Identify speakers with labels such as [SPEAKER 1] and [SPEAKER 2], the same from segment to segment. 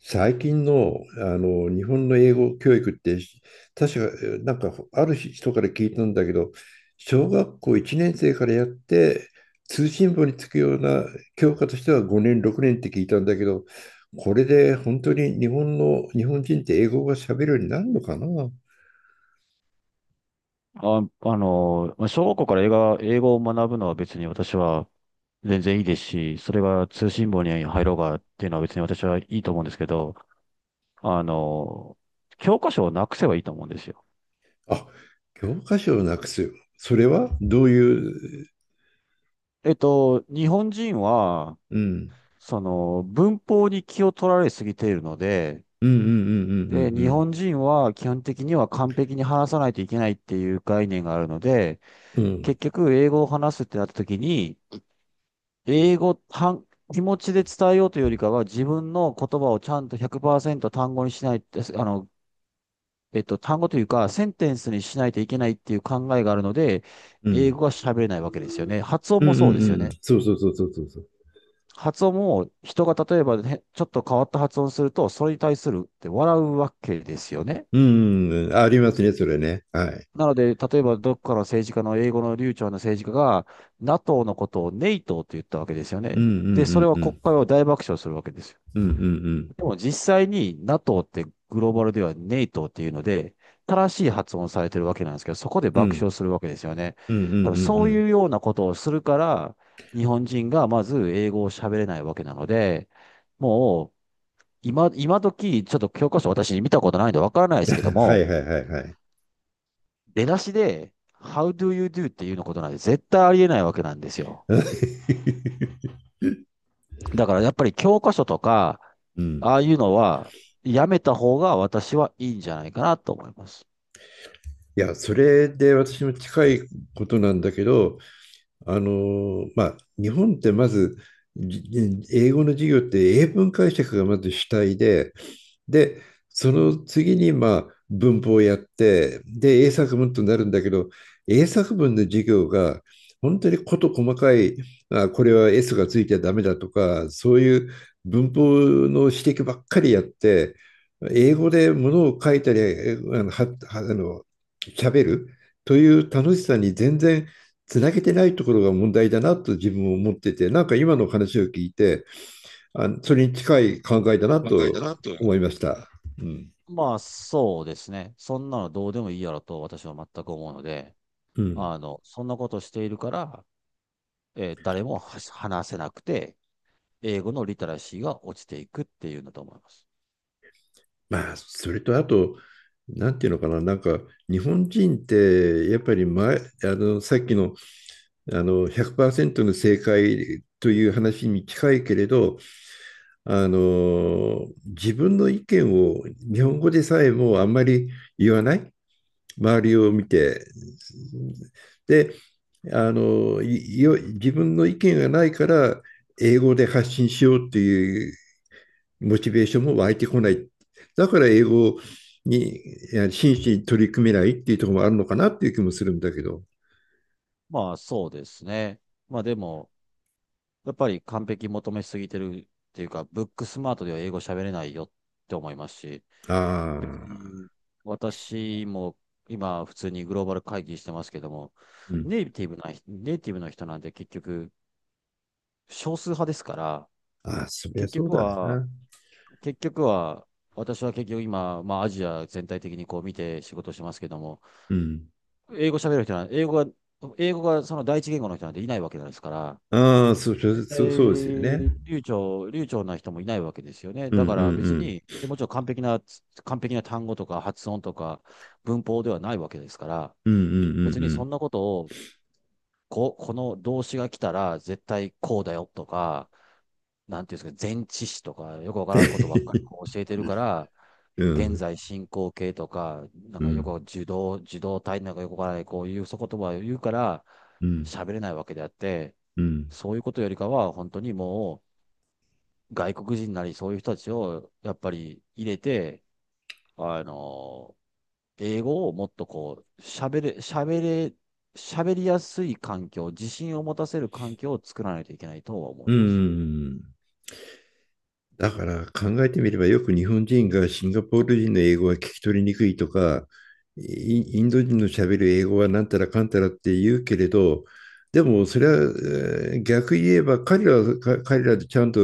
[SPEAKER 1] 最近の、日本の英語教育って、確か、ある人から聞いたんだけど、小学校1年生からやって、通信簿につくような教科としては5年6年って聞いたんだけど、これで本当に日本の日本人って英語が喋るようになるのかな。
[SPEAKER 2] あ、まあ小学校から英語を学ぶのは別に私は全然いいですし、それが通信簿に入ろうがっていうのは別に私はいいと思うんですけど、あの、教科書をなくせばいいと思うんですよ。
[SPEAKER 1] あ、教科書をなくす、それはどういう、
[SPEAKER 2] 日本人は、
[SPEAKER 1] うん、
[SPEAKER 2] 文法に気を取られすぎているので、
[SPEAKER 1] うんうん
[SPEAKER 2] で、
[SPEAKER 1] う
[SPEAKER 2] 日
[SPEAKER 1] ん
[SPEAKER 2] 本人は基本的には完璧に話さないといけないっていう概念があるので、
[SPEAKER 1] うんうんうん
[SPEAKER 2] 結局、英語を話すってなった時に、英語、単気持ちで伝えようというよりかは、自分の言葉をちゃんと100%単語にしない、あの、単語というか、センテンスにしないといけないっていう考えがあるので、
[SPEAKER 1] うんう
[SPEAKER 2] 英
[SPEAKER 1] ん
[SPEAKER 2] 語が喋れないわけですよね。発音
[SPEAKER 1] うん
[SPEAKER 2] も
[SPEAKER 1] うん
[SPEAKER 2] そうですよ
[SPEAKER 1] う
[SPEAKER 2] ね。
[SPEAKER 1] ん、そうそうそうそうそうそう、
[SPEAKER 2] 発音も人が例えば、ね、ちょっと変わった発音すると、それに対するって笑うわけですよね。
[SPEAKER 1] うんうんうん、ありますね、それね。はい。
[SPEAKER 2] なので、例えばどっかの政治家の英語の流暢な政治家が、NATO のことをネイトと言ったわけですよ
[SPEAKER 1] うん
[SPEAKER 2] ね。
[SPEAKER 1] うんう
[SPEAKER 2] で、そ
[SPEAKER 1] ん
[SPEAKER 2] れは
[SPEAKER 1] う
[SPEAKER 2] 国
[SPEAKER 1] ん。
[SPEAKER 2] 会を大爆笑するわけですよ。
[SPEAKER 1] うんうんうん。
[SPEAKER 2] でも実際に NATO ってグローバルではネイトっていうので、正しい発音されてるわけなんですけど、そこで
[SPEAKER 1] う
[SPEAKER 2] 爆
[SPEAKER 1] ん
[SPEAKER 2] 笑するわけですよね。
[SPEAKER 1] うんうんうんうんうんうんうん
[SPEAKER 2] 多分
[SPEAKER 1] うん
[SPEAKER 2] そ
[SPEAKER 1] う
[SPEAKER 2] う
[SPEAKER 1] ん
[SPEAKER 2] いうようなことをするから、日本人がまず英語を喋れないわけなので、もう今時、ちょっと教科書私見たことないんでわからないで
[SPEAKER 1] う
[SPEAKER 2] す
[SPEAKER 1] ん、
[SPEAKER 2] けど
[SPEAKER 1] は
[SPEAKER 2] も、
[SPEAKER 1] いはいはいはい。
[SPEAKER 2] 出だしで、How do you do っていうのことなんで絶対ありえないわけなんですよ。だからやっぱり教科書とか、
[SPEAKER 1] うん。
[SPEAKER 2] ああいうのはやめた方が私はいいんじゃないかなと思います。
[SPEAKER 1] いや、それで私も近いことなんだけど、あのまあ、日本ってまず、じ英語の授業って英文解釈がまず主体で、で、その次にまあ文法をやって、で、英作文となるんだけど、英作文の授業が本当に事細かい、あ、これは S がついてはダメだとか、そういう文法の指摘ばっかりやって、英語でものを書いたり、えあの、は、はあの、喋るという楽しさに全然つなげてないところが問題だなと自分も思ってて、なんか今の話を聞いて、あのそれに近い考えだな
[SPEAKER 2] 考えた
[SPEAKER 1] と
[SPEAKER 2] なと。
[SPEAKER 1] 思いました。うん。
[SPEAKER 2] まあ、そうですね。そんなのどうでもいいやろと私は全く思うので、
[SPEAKER 1] うん。
[SPEAKER 2] そんなことしているから、誰も話せなくて、英語のリテラシーが落ちていくっていうのだと思います。
[SPEAKER 1] まあ、それとあと、なんていうのかな、なんか日本人ってやっぱり前、あのさっきの、あの100%の正解という話に近いけれど、あの自分の意見を日本語でさえもあんまり言わない、周りを見て。で、あの、自分の意見がないから、英語で発信しようっていうモチベーションも湧いてこない。だから英語に真摯に取り組めないっていうところもあるのかなっていう気もするんだけど。
[SPEAKER 2] まあ、そうですね。まあ、でも、やっぱり完璧求めすぎてるっていうか、ブックスマートでは英語喋れないよって思いますし、別
[SPEAKER 1] ああ、
[SPEAKER 2] に私も今、普通にグローバル会議してますけども、
[SPEAKER 1] うん。
[SPEAKER 2] ネイティブの人なんで結局、少数派ですから、
[SPEAKER 1] ああ、そりゃ
[SPEAKER 2] 結
[SPEAKER 1] そう
[SPEAKER 2] 局
[SPEAKER 1] だよ
[SPEAKER 2] は、
[SPEAKER 1] な。
[SPEAKER 2] 結局は、私は結局今、まあアジア全体的にこう見て仕事してますけども、
[SPEAKER 1] うん。
[SPEAKER 2] 英語喋る人は、英語がその第一言語の人なんていないわけなんですから、
[SPEAKER 1] ああ、そう、そう
[SPEAKER 2] 絶対
[SPEAKER 1] そうそうですよね。
[SPEAKER 2] 流暢な人もいないわけですよね。
[SPEAKER 1] うん
[SPEAKER 2] だか
[SPEAKER 1] う
[SPEAKER 2] ら
[SPEAKER 1] ん
[SPEAKER 2] 別
[SPEAKER 1] うん。
[SPEAKER 2] に、でもちろん完璧な単語とか発音とか文法ではないわけですから、
[SPEAKER 1] うんうんう
[SPEAKER 2] 別に
[SPEAKER 1] んう
[SPEAKER 2] そ
[SPEAKER 1] ん。
[SPEAKER 2] んなことを、この動詞が来たら絶対こうだよとか、なんていうんですか、前置詞とか、よくわからんことばっか りこう教えてるから、
[SPEAKER 1] う
[SPEAKER 2] 現
[SPEAKER 1] ん
[SPEAKER 2] 在進行形とか、なん
[SPEAKER 1] う
[SPEAKER 2] かよく
[SPEAKER 1] ん
[SPEAKER 2] 受動体なんかよくわからない、こういう言葉を言うから、
[SPEAKER 1] うんうん。
[SPEAKER 2] 喋れないわけであって、
[SPEAKER 1] うん
[SPEAKER 2] そういうことよりかは、本当にもう、外国人なりそういう人たちを、やっぱり入れて、あの、英語をもっとこう、喋りやすい環境、自信を持たせる環境を作らないといけないとは思
[SPEAKER 1] う
[SPEAKER 2] い
[SPEAKER 1] んう
[SPEAKER 2] ます。
[SPEAKER 1] ん。だから考えてみればよく日本人がシンガポール人の英語は聞き取りにくいとか、イインド人の喋る英語はなんたらかんたらって言うけれど、でもそれは、えー逆言えば彼らは彼らでちゃんと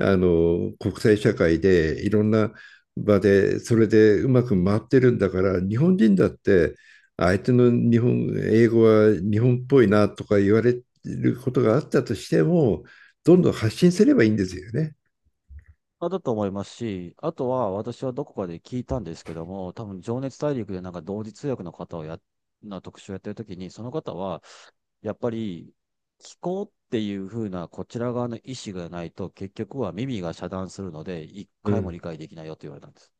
[SPEAKER 1] あの国際社会でいろんな場でそれでうまく回ってるんだから、日本人だって相手の日本英語は日本っぽいなとか言われることがあったとしても、どんどん発信すればいいんですよね。
[SPEAKER 2] だと思いますし、あとは私はどこかで聞いたんですけども、多分情熱大陸でなんか同時通訳の方をやっ、な特集をやってるときに、その方は、やっぱり聞こうっていう風なこちら側の意思がないと、結局は耳が遮断するので、一
[SPEAKER 1] う
[SPEAKER 2] 回も
[SPEAKER 1] ん、
[SPEAKER 2] 理解できないよって言われたんです。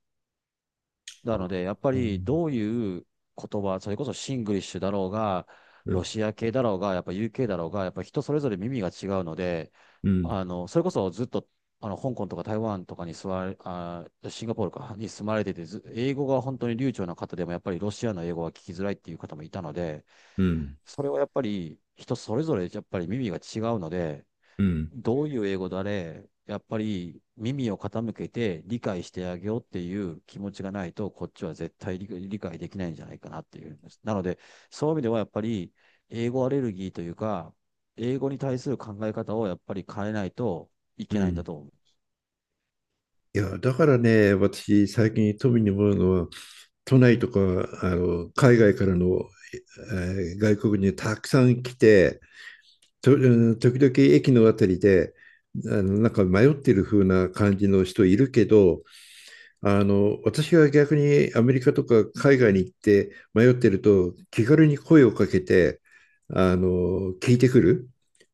[SPEAKER 1] あ
[SPEAKER 2] な
[SPEAKER 1] ー、
[SPEAKER 2] ので、やっぱ
[SPEAKER 1] う
[SPEAKER 2] り
[SPEAKER 1] ん、
[SPEAKER 2] どういう言葉、それこそシングリッシュだろうが、
[SPEAKER 1] う
[SPEAKER 2] ロ
[SPEAKER 1] ん、
[SPEAKER 2] シア系だろうが、やっぱ UK だろうが、やっぱ人それぞれ耳が違うので、
[SPEAKER 1] うん、
[SPEAKER 2] それこそずっと、香港とか台湾とかに座れ、あー、シンガポールかに住まれてて、ず英語が本当に流暢な方でも、やっぱりロシアの英語は聞きづらいっていう方もいたので、
[SPEAKER 1] う
[SPEAKER 2] それはやっぱり人それぞれやっぱり耳が違うので、
[SPEAKER 1] ん、
[SPEAKER 2] どういう英語だれ、やっぱり耳を傾けて理解してあげようっていう気持ちがないと、こっちは絶対理解できないんじゃないかなっていうんです。なので、そういう意味ではやっぱり、英語アレルギーというか、英語に対する考え方をやっぱり変えないとい
[SPEAKER 1] う
[SPEAKER 2] けないんだ
[SPEAKER 1] ん。
[SPEAKER 2] と思う。
[SPEAKER 1] いや、だからね、私、最近富に思うのは、都内とか、あの、海外からの、えー外国にたくさん来て、と、うん、時々駅のあたりで、あの、なんか迷ってる風な感じの人いるけど、あの、私が逆にアメリカとか海外に行って迷ってると、気軽に声をかけて、あの、聞いてくる。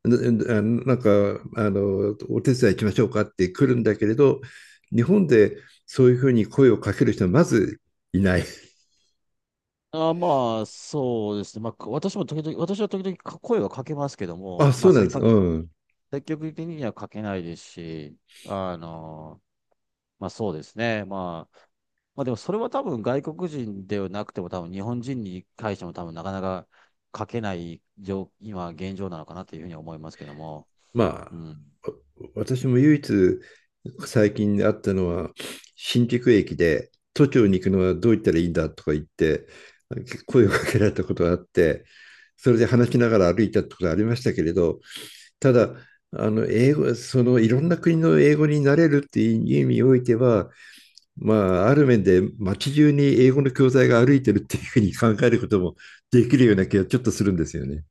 [SPEAKER 1] な、ななんか、あの、お手伝い行きましょうかって来るんだけれど、日本でそういうふうに声をかける人はまずいない。
[SPEAKER 2] あーまあ、そうですね。まあ、私は時々か声はかけますけど
[SPEAKER 1] あ、
[SPEAKER 2] も、ま
[SPEAKER 1] そ
[SPEAKER 2] あ、
[SPEAKER 1] うなんです。
[SPEAKER 2] 多
[SPEAKER 1] う
[SPEAKER 2] 分
[SPEAKER 1] ん。
[SPEAKER 2] 積極的にはかけないですし、あのまあそうですね。まあ、まあでもそれは多分外国人ではなくても多分日本人に対しても多分なかなか書けない今現状なのかなというふうに思いますけども。
[SPEAKER 1] ま
[SPEAKER 2] うん。
[SPEAKER 1] 私も唯一最近あったのは、新宿駅で都庁に行くのはどう行ったらいいんだとか言って、声をかけられたことがあって、それで話しながら歩いたってことがありましたけれど、ただ、あの英語、そのいろんな国の英語になれるっていう意味においては、まあ、ある面で街中に英語の教材が歩いてるっていうふうに考えることもできるような気がちょっとするんですよね。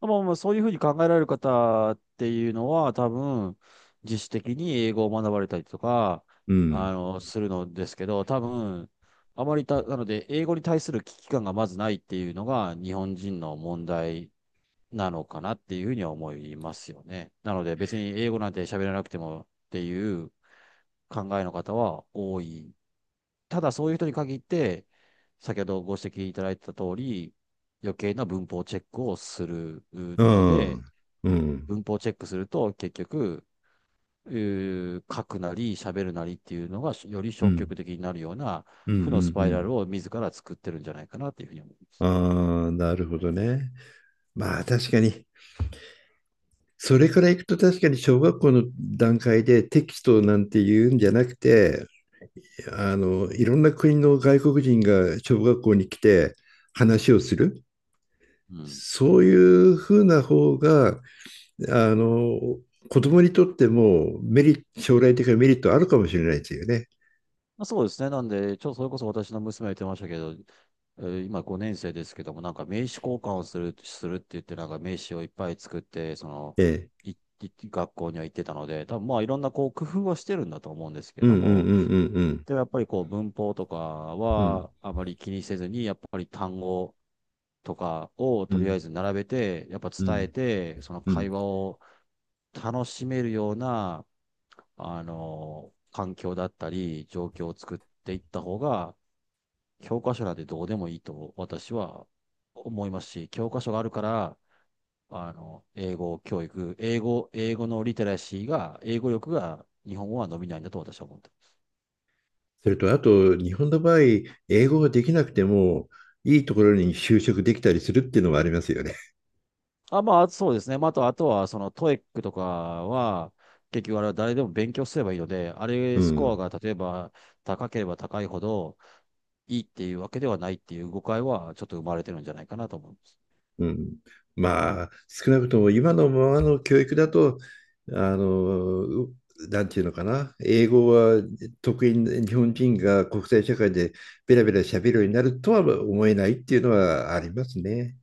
[SPEAKER 2] まあまあそういうふうに考えられる方っていうのは多分自主的に英語を学ばれたりとか、
[SPEAKER 1] うん。
[SPEAKER 2] するのですけど、多分あまりた、なので英語に対する危機感がまずないっていうのが日本人の問題なのかなっていうふうには思いますよね。なので別に英語なんて喋らなくてもっていう考えの方は多い。ただそういう人に限って、先ほどご指摘いただいた通り、余計な文法チェックをする
[SPEAKER 1] う
[SPEAKER 2] ので、
[SPEAKER 1] ん。うん。
[SPEAKER 2] 文法チェックすると結局、書くなり喋るなりっていうのがより
[SPEAKER 1] うん。う
[SPEAKER 2] 消極
[SPEAKER 1] ん。
[SPEAKER 2] 的になるような
[SPEAKER 1] うん。う
[SPEAKER 2] 負のスパイラ
[SPEAKER 1] ん。
[SPEAKER 2] ルを自ら作ってるんじゃないかなっていうふうに思います。
[SPEAKER 1] ああ、なるほどね。まあ確かに、それからいくと確かに小学校の段階でテキストなんて言うんじゃなくて、あの、いろんな国の外国人が小学校に来て話をする。
[SPEAKER 2] うん、
[SPEAKER 1] そういうふうな方が、あの、子供にとってもメリット、将来的なメリットあるかもしれないですよね。
[SPEAKER 2] まあそうですね。なんで、ちょっとそれこそ私の娘が言ってましたけど、今5年生ですけども、なんか名刺交換をするって言って、なんか名刺をいっぱい作って、その、
[SPEAKER 1] ええ。
[SPEAKER 2] い、い学校には行ってたので、多分まあいろんなこう工夫はしてるんだと思うんですけ
[SPEAKER 1] う
[SPEAKER 2] れ
[SPEAKER 1] んう
[SPEAKER 2] ど
[SPEAKER 1] ん
[SPEAKER 2] も、
[SPEAKER 1] うんうん
[SPEAKER 2] でもやっぱりこう文法とか
[SPEAKER 1] うん。うん
[SPEAKER 2] はあまり気にせずに、やっぱり単語とかを
[SPEAKER 1] う
[SPEAKER 2] とりあえ
[SPEAKER 1] ん
[SPEAKER 2] ず並べて、やっぱ
[SPEAKER 1] う
[SPEAKER 2] 伝え
[SPEAKER 1] ん
[SPEAKER 2] て、その
[SPEAKER 1] う
[SPEAKER 2] 会
[SPEAKER 1] ん。
[SPEAKER 2] 話を楽しめるような環境だったり、状況を作っていった方が、教科書なんてどうでもいいと私は思いますし、教科書があるから、英語教育、英語のリテラシーが、英語力が日本語は伸びないんだと私は思ってます。
[SPEAKER 1] それと、あと、日本の場合、英語ができなくても、いいところに就職できたりするっていうのもありますよね。
[SPEAKER 2] まあ、そうですね。まあ、あとは、トエックとかは、結局あれは誰でも勉強すればいいので、あ
[SPEAKER 1] う
[SPEAKER 2] れスコア
[SPEAKER 1] ん。
[SPEAKER 2] が例えば高ければ高いほどいいっていうわけではないっていう誤解はちょっと生まれてるんじゃないかなと思います。
[SPEAKER 1] うん。まあ、少なくとも今のままの教育だと、あの、なんていうのかな、英語は得意な日本人が国際社会でベラベラ喋るようになるとは思えないっていうのはありますね。